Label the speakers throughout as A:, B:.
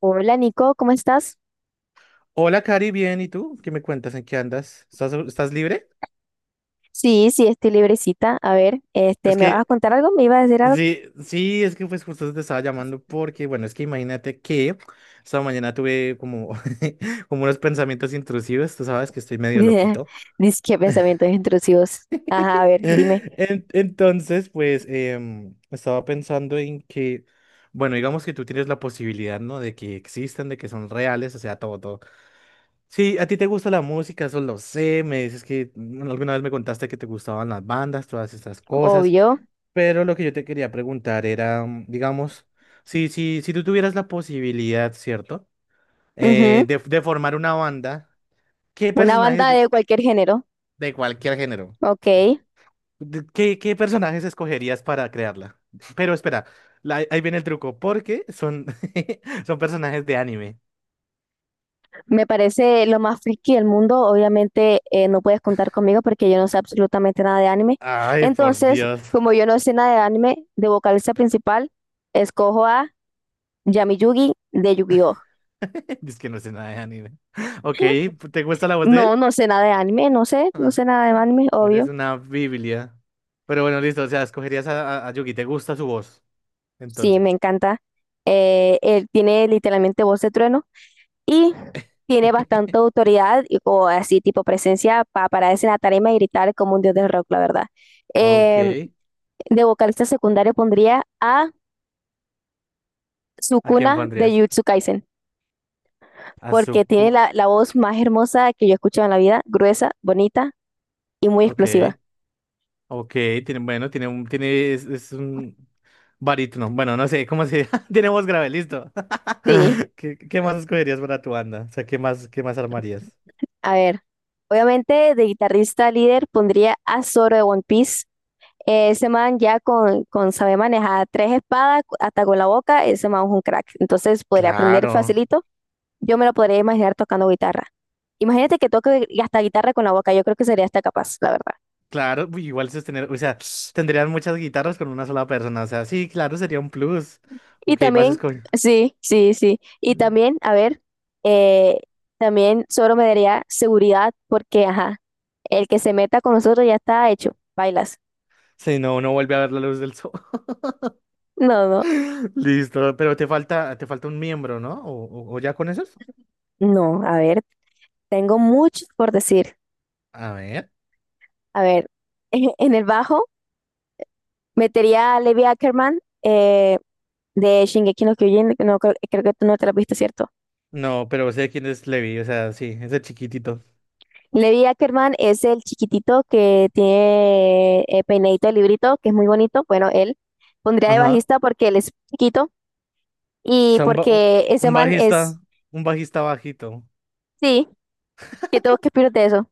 A: Hola Nico, ¿cómo estás?
B: Hola, Cari, bien, ¿y tú? ¿Qué me cuentas? ¿En qué andas? ¿Estás libre?
A: Sí, sí, estoy librecita. A ver, este,
B: Es
A: ¿me vas a
B: que,
A: contar algo? ¿Me ibas a decir algo?
B: sí, sí, es que pues justo te estaba llamando porque, bueno, es que imagínate que esta mañana tuve como, como unos pensamientos intrusivos, tú sabes que estoy medio loquito.
A: Dice que pensamientos intrusivos. Ajá, a ver, dime.
B: Entonces, pues, estaba pensando en que, bueno, digamos que tú tienes la posibilidad, ¿no? De que existan, de que son reales, o sea, todo, todo. Sí, a ti te gusta la música, eso lo sé. Me dices que alguna vez me contaste que te gustaban las bandas, todas estas cosas.
A: Obvio.
B: Pero lo que yo te quería preguntar era, digamos, si tú tuvieras la posibilidad, ¿cierto? Eh,
A: Ujú.
B: de, de formar una banda, ¿qué
A: Una
B: personajes
A: banda de cualquier género.
B: de cualquier género?
A: Ok.
B: ¿Qué personajes escogerías para crearla? Pero espera, ahí viene el truco, porque son, son personajes de anime.
A: Me parece lo más friki del mundo. Obviamente no puedes contar conmigo porque yo no sé absolutamente nada de anime.
B: Ay, por
A: Entonces,
B: Dios.
A: como yo no sé nada de anime, de vocalista principal, escojo a Yami Yugi de Yu-Gi-Oh!
B: Es que no sé nada de anime. Ok, ¿te gusta la voz de él?
A: No, no sé nada de anime, no sé, no
B: Ah,
A: sé nada de anime,
B: eres
A: obvio.
B: una biblia. Pero bueno, listo, o sea, escogerías a Yugi, ¿te gusta su voz?
A: Sí, me
B: Entonces.
A: encanta. Él tiene literalmente voz de trueno y tiene bastante autoridad o así tipo presencia para pararse en la tarima y gritar como un dios del rock, la verdad.
B: Ok,
A: Em, de vocalista secundario pondría a
B: ¿a quién
A: Sukuna de
B: pondrías?
A: Jujutsu Kaisen
B: A
A: porque tiene la voz más hermosa que yo he escuchado en la vida, gruesa, bonita y muy
B: Ok,
A: explosiva.
B: ok, tiene, bueno, tiene un... Tiene, es un barítono. Bueno, no sé, ¿cómo se... tiene voz grave, listo.
A: Sí,
B: ¿Qué más escogerías para tu banda? O sea, qué más armarías?
A: a ver. Obviamente de guitarrista líder pondría a Zoro de One Piece. Ese man ya con saber manejar tres espadas hasta con la boca, ese man es un crack. Entonces podría aprender
B: Claro.
A: facilito. Yo me lo podría imaginar tocando guitarra. Imagínate que toque y hasta guitarra con la boca. Yo creo que sería hasta capaz, la verdad.
B: Claro, uy, igual eso es tener, o sea, tendrían muchas guitarras con una sola persona, o sea, sí, claro, sería un plus.
A: Y
B: Ok, vas a
A: también,
B: escoger.
A: sí, sí, sí. Y también, a ver, eh, también solo me daría seguridad porque, ajá, el que se meta con nosotros ya está hecho. Bailas.
B: Si no, no vuelve a ver la luz del sol.
A: No, no,
B: Listo, pero te falta un miembro, ¿no? ¿O, o ya con esos?
A: no. A ver, tengo mucho por decir.
B: A ver.
A: A ver, en el bajo. Metería a Levi Ackerman de Shingeki no Kyojin, que no, creo, creo que tú no te la viste, ¿cierto?
B: No, pero sé quién es Levi, o sea, sí, ese chiquitito.
A: Levi Ackerman es el chiquitito que tiene peinadito de librito, que es muy bonito. Bueno, él pondría de
B: Ajá.
A: bajista porque él es chiquito
B: O
A: y
B: sea, un,
A: porque ese
B: un
A: man es,
B: bajista, un bajista bajito.
A: sí, que tengo que opinar de eso.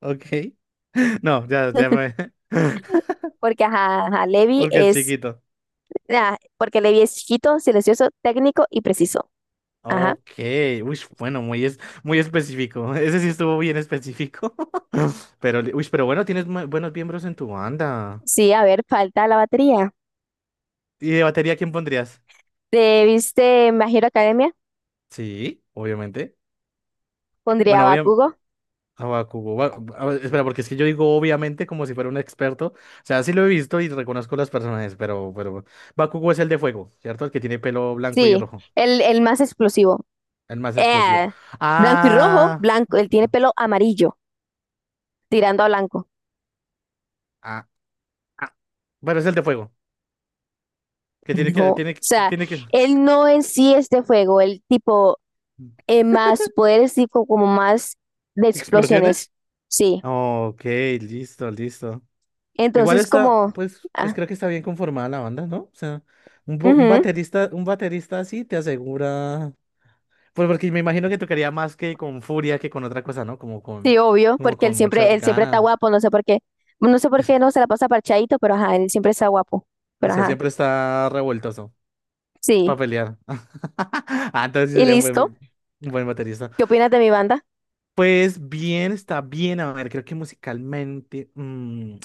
B: Ok. No, ya, ya me...
A: Porque ajá, ajá,
B: Porque es chiquito.
A: Porque Levi es chiquito, silencioso, técnico y preciso. Ajá.
B: Ok, uy, bueno, muy, es, muy específico. Ese sí estuvo bien específico. Pero, uy, pero bueno, tienes buenos miembros en tu banda.
A: Sí, a ver, falta la batería.
B: ¿Y de batería quién pondrías?
A: ¿Te viste My Hero Academia?
B: Sí, obviamente.
A: Pondría a
B: Bueno, obviamente.
A: Bakugo.
B: Espera, porque es que yo digo obviamente como si fuera un experto. O sea, sí lo he visto y reconozco los personajes, pero Bakugo es el de fuego, ¿cierto? El que tiene pelo blanco y
A: Sí,
B: rojo.
A: el más explosivo.
B: El más explosivo.
A: Eh, Blanco y rojo,
B: Ah.
A: blanco, él tiene pelo amarillo, tirando a blanco.
B: Ah. Ah. Bueno, es el de fuego.
A: No,
B: Que,
A: o
B: tiene,
A: sea,
B: tiene que.
A: él no en sí es de fuego, él tipo más poderes, tipo como más de
B: ¿Explosiones?
A: explosiones. Sí,
B: Ok, listo, listo. Igual
A: entonces
B: está,
A: como,
B: pues, pues
A: ah,
B: creo que está bien conformada la banda, ¿no? O sea, un,
A: ujú.
B: un baterista así te asegura. Pues porque me imagino que tocaría más que con furia que con otra cosa, ¿no?
A: Sí, obvio,
B: Como
A: porque
B: con muchas
A: él siempre está
B: ganas.
A: guapo, no sé por qué, no sé por qué no se la pasa parchadito, pero ajá, él siempre está guapo,
B: O
A: pero
B: sea,
A: ajá,
B: siempre está revueltoso
A: sí.
B: para pelear. Ah, entonces sí
A: Y
B: sería
A: listo,
B: un buen baterista.
A: ¿qué opinas de mi banda?
B: Pues bien, está bien, a ver, creo que musicalmente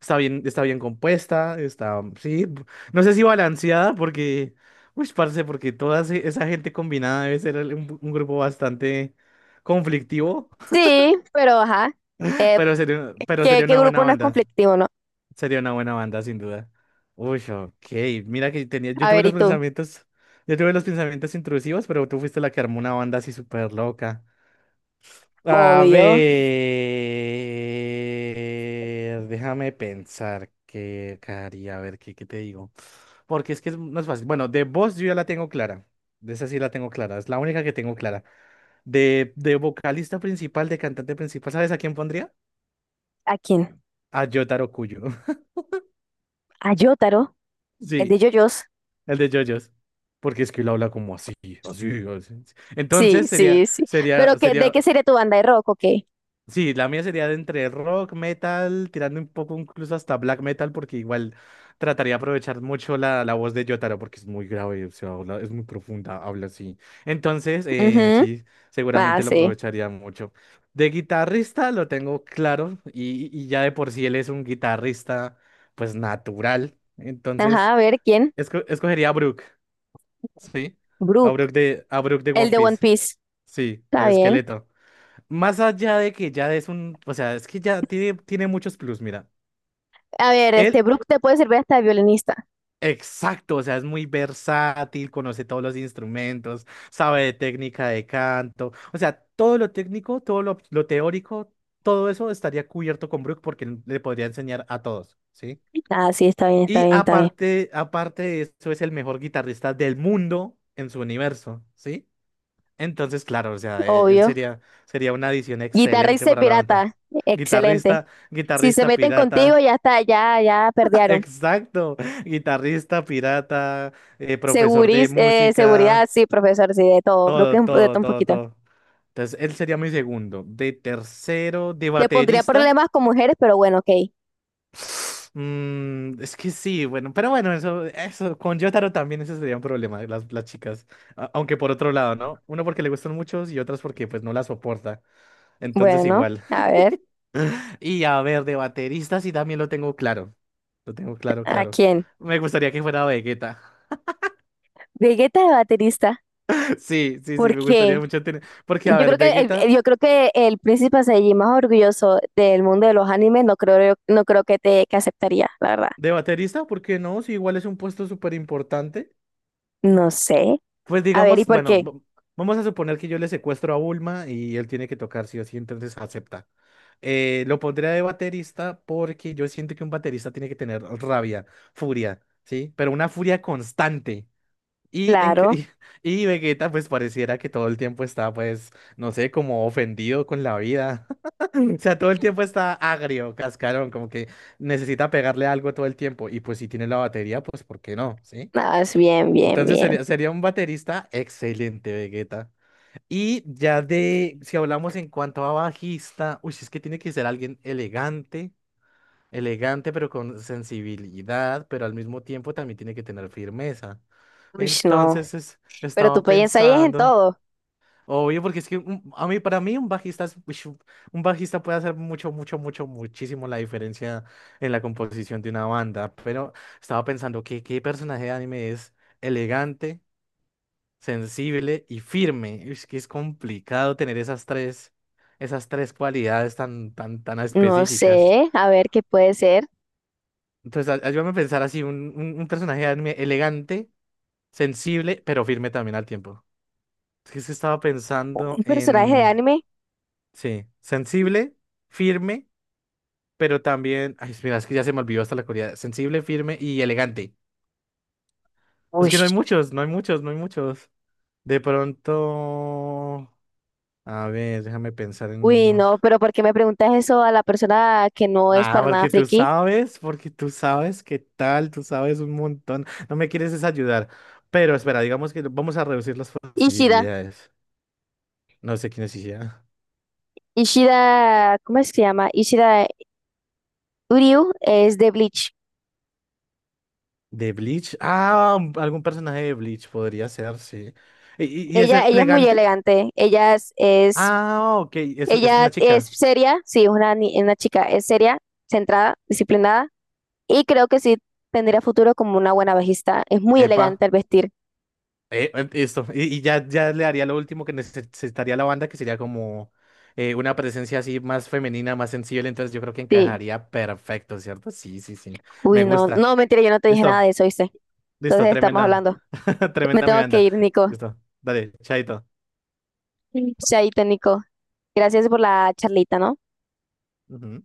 B: está bien compuesta, está, sí, no sé si balanceada porque, uy, parce, porque toda esa gente combinada debe ser un grupo bastante conflictivo,
A: Sí, pero ajá. eh,
B: pero
A: ¿Qué,
B: sería
A: qué
B: una buena
A: grupo no es
B: banda,
A: conflictivo, no?
B: sería una buena banda sin duda. Uy, ok, mira que tenía, yo
A: A
B: tuve
A: ver, ¿y
B: los
A: tú?
B: pensamientos, yo tuve los pensamientos intrusivos, pero tú fuiste la que armó una banda así súper loca. A
A: Obvio.
B: ver, déjame pensar qué haría, a ver qué, qué te digo. Porque es que no es fácil. Bueno, de voz yo ya la tengo clara. De esa sí la tengo clara. Es la única que tengo clara. De vocalista principal, de cantante principal, ¿sabes a quién pondría?
A: ¿A quién?
B: A Yotaro Kuyo.
A: A Yotaro, el de
B: Sí,
A: JoJo's.
B: el de JoJo's. Porque es que él habla como así, así, así.
A: Sí,
B: Entonces sería,
A: sí, sí. ¿Pero
B: sería,
A: qué, de
B: sería.
A: qué sería tu banda de rock o qué?
B: Sí, la mía sería de entre rock, metal, tirando un poco incluso hasta black metal, porque igual trataría de aprovechar mucho la, la voz de Jotaro, porque es muy grave, o sea, es muy profunda, habla así. Entonces,
A: Ujú.
B: sí,
A: Ah,
B: seguramente lo
A: sí.
B: aprovecharía mucho. De guitarrista lo tengo claro, y ya de por sí él es un guitarrista, pues natural.
A: Ajá,
B: Entonces,
A: a ver, ¿quién?
B: escogería a Brook, ¿sí?
A: Brook,
B: A Brook de
A: el
B: One
A: de One
B: Piece,
A: Piece.
B: sí,
A: Está
B: al
A: bien.
B: esqueleto. Más allá de que ya es un, o sea, es que ya tiene, tiene muchos plus, mira.
A: A ver, este
B: Él,
A: Brook te puede servir hasta de violinista.
B: exacto, o sea, es muy versátil, conoce todos los instrumentos, sabe de técnica de canto, o sea, todo lo técnico, todo lo teórico, todo eso estaría cubierto con Brook porque él le podría enseñar a todos, ¿sí?
A: Ah, sí, está bien, está
B: Y
A: bien, está bien.
B: aparte, aparte de eso, es el mejor guitarrista del mundo en su universo, ¿sí? Entonces, claro, o sea, él
A: Obvio.
B: sería, sería una adición excelente
A: Guitarrista y
B: para la banda.
A: pirata. Excelente.
B: Guitarrista,
A: Si se
B: guitarrista
A: meten contigo,
B: pirata.
A: ya está, ya, ya perdieron.
B: Exacto, guitarrista pirata, profesor de
A: Seguridad,
B: música,
A: sí, profesor, sí, de todo, creo que
B: todo,
A: de
B: todo,
A: todo un
B: todo,
A: poquito.
B: todo. Entonces, él sería mi segundo. De tercero, de
A: Te pondría
B: baterista.
A: problemas con mujeres, pero bueno, ok.
B: Es que sí, bueno, pero bueno, eso, con Jotaro también ese sería un problema, las chicas. Aunque por otro lado, ¿no? Uno porque le gustan muchos y otras porque pues no la soporta. Entonces,
A: Bueno,
B: igual.
A: a ver,
B: Y a ver, de baterista sí también lo tengo claro. Lo tengo claro,
A: ¿a
B: claro.
A: quién?
B: Me gustaría que fuera Vegeta.
A: Vegeta de baterista,
B: Sí, sí, sí,
A: ¿por
B: me gustaría
A: qué?
B: mucho tener. Porque, a
A: Yo
B: ver,
A: creo que
B: Vegeta
A: yo creo que el príncipe Saiyajin más orgulloso del mundo de los animes, no creo, no creo que te que aceptaría, la verdad.
B: de baterista, ¿por qué no? Si igual es un puesto súper importante.
A: No sé.
B: Pues
A: A ver, ¿y
B: digamos,
A: por
B: bueno,
A: qué?
B: vamos a suponer que yo le secuestro a Bulma y él tiene que tocar sí o sí, entonces acepta. Lo pondría de baterista porque yo siento que un baterista tiene que tener rabia, furia, ¿sí? Pero una furia constante. Y, en,
A: Claro,
B: y, Vegeta pues pareciera que todo el tiempo está pues, no sé, como ofendido con la vida. O sea, todo el tiempo está agrio, cascarón, como que necesita pegarle algo todo el tiempo. Y pues si tiene la batería, pues ¿por qué no? ¿Sí?
A: nada, es bien, bien,
B: Entonces
A: bien.
B: sería, sería un baterista excelente, Vegeta. Y ya de, si hablamos en cuanto a bajista, uy, es que tiene que ser alguien elegante elegante, pero con sensibilidad, pero al mismo tiempo también tiene que tener firmeza.
A: Uy, no.
B: Entonces
A: Pero tú
B: estaba
A: piensas ahí es en
B: pensando,
A: todo.
B: obvio, porque es que a mí, para mí un bajista uish, un bajista puede hacer mucho, mucho, mucho, muchísimo la diferencia en la composición de una banda, pero estaba pensando que qué personaje de anime es elegante, sensible y firme. Es que es complicado tener esas tres cualidades tan, tan, tan
A: No
B: específicas.
A: sé, a ver qué puede ser.
B: Entonces, ayúdame a pensar así, un personaje de anime elegante, sensible, pero firme también al tiempo. Es que se estaba pensando
A: Un personaje de
B: en,
A: anime.
B: sí, sensible, firme, pero también, ay, mira, es que ya se me olvidó hasta la cualidad. Sensible, firme y elegante. Es
A: Uy,
B: que no hay muchos, no hay muchos, no hay muchos. De pronto, a ver, déjame pensar en
A: uy, no,
B: unos.
A: pero ¿por qué me preguntas eso a la persona que no es
B: Nada,
A: para nada friki?
B: porque tú sabes qué tal, tú sabes un montón. No me quieres desayudar. Pero espera, digamos que vamos a reducir las
A: Ishida,
B: posibilidades. No sé quién es ella.
A: Ishida, ¿cómo es que se llama? Ishida Uryu es de Bleach.
B: ¿De Bleach? Ah, algún personaje de Bleach podría ser, sí. ¿Y, y es
A: Ella es muy
B: elegante?
A: elegante,
B: Ah, ok, es
A: ella
B: una
A: es
B: chica.
A: seria, sí, es una, una chica, es seria, centrada, disciplinada, y creo que sí tendría futuro como una buena bajista. Es muy
B: Epa.
A: elegante al vestir,
B: Esto, y ya, ya le haría lo último que necesitaría la banda, que sería como una presencia así más femenina, más sensible, entonces yo creo que
A: sí.
B: encajaría perfecto, ¿cierto? Sí, sí, sí,
A: Uy,
B: me
A: no,
B: gusta.
A: no, mentira, yo no te dije nada
B: Listo,
A: de eso, ¿viste?
B: listo,
A: Entonces estamos
B: tremenda,
A: hablando. Me
B: tremenda mi
A: tengo que
B: banda.
A: ir, Nico.
B: Listo, dale, chaito.
A: Chaito, Nico. Gracias por la charlita, ¿no?
B: Ujú.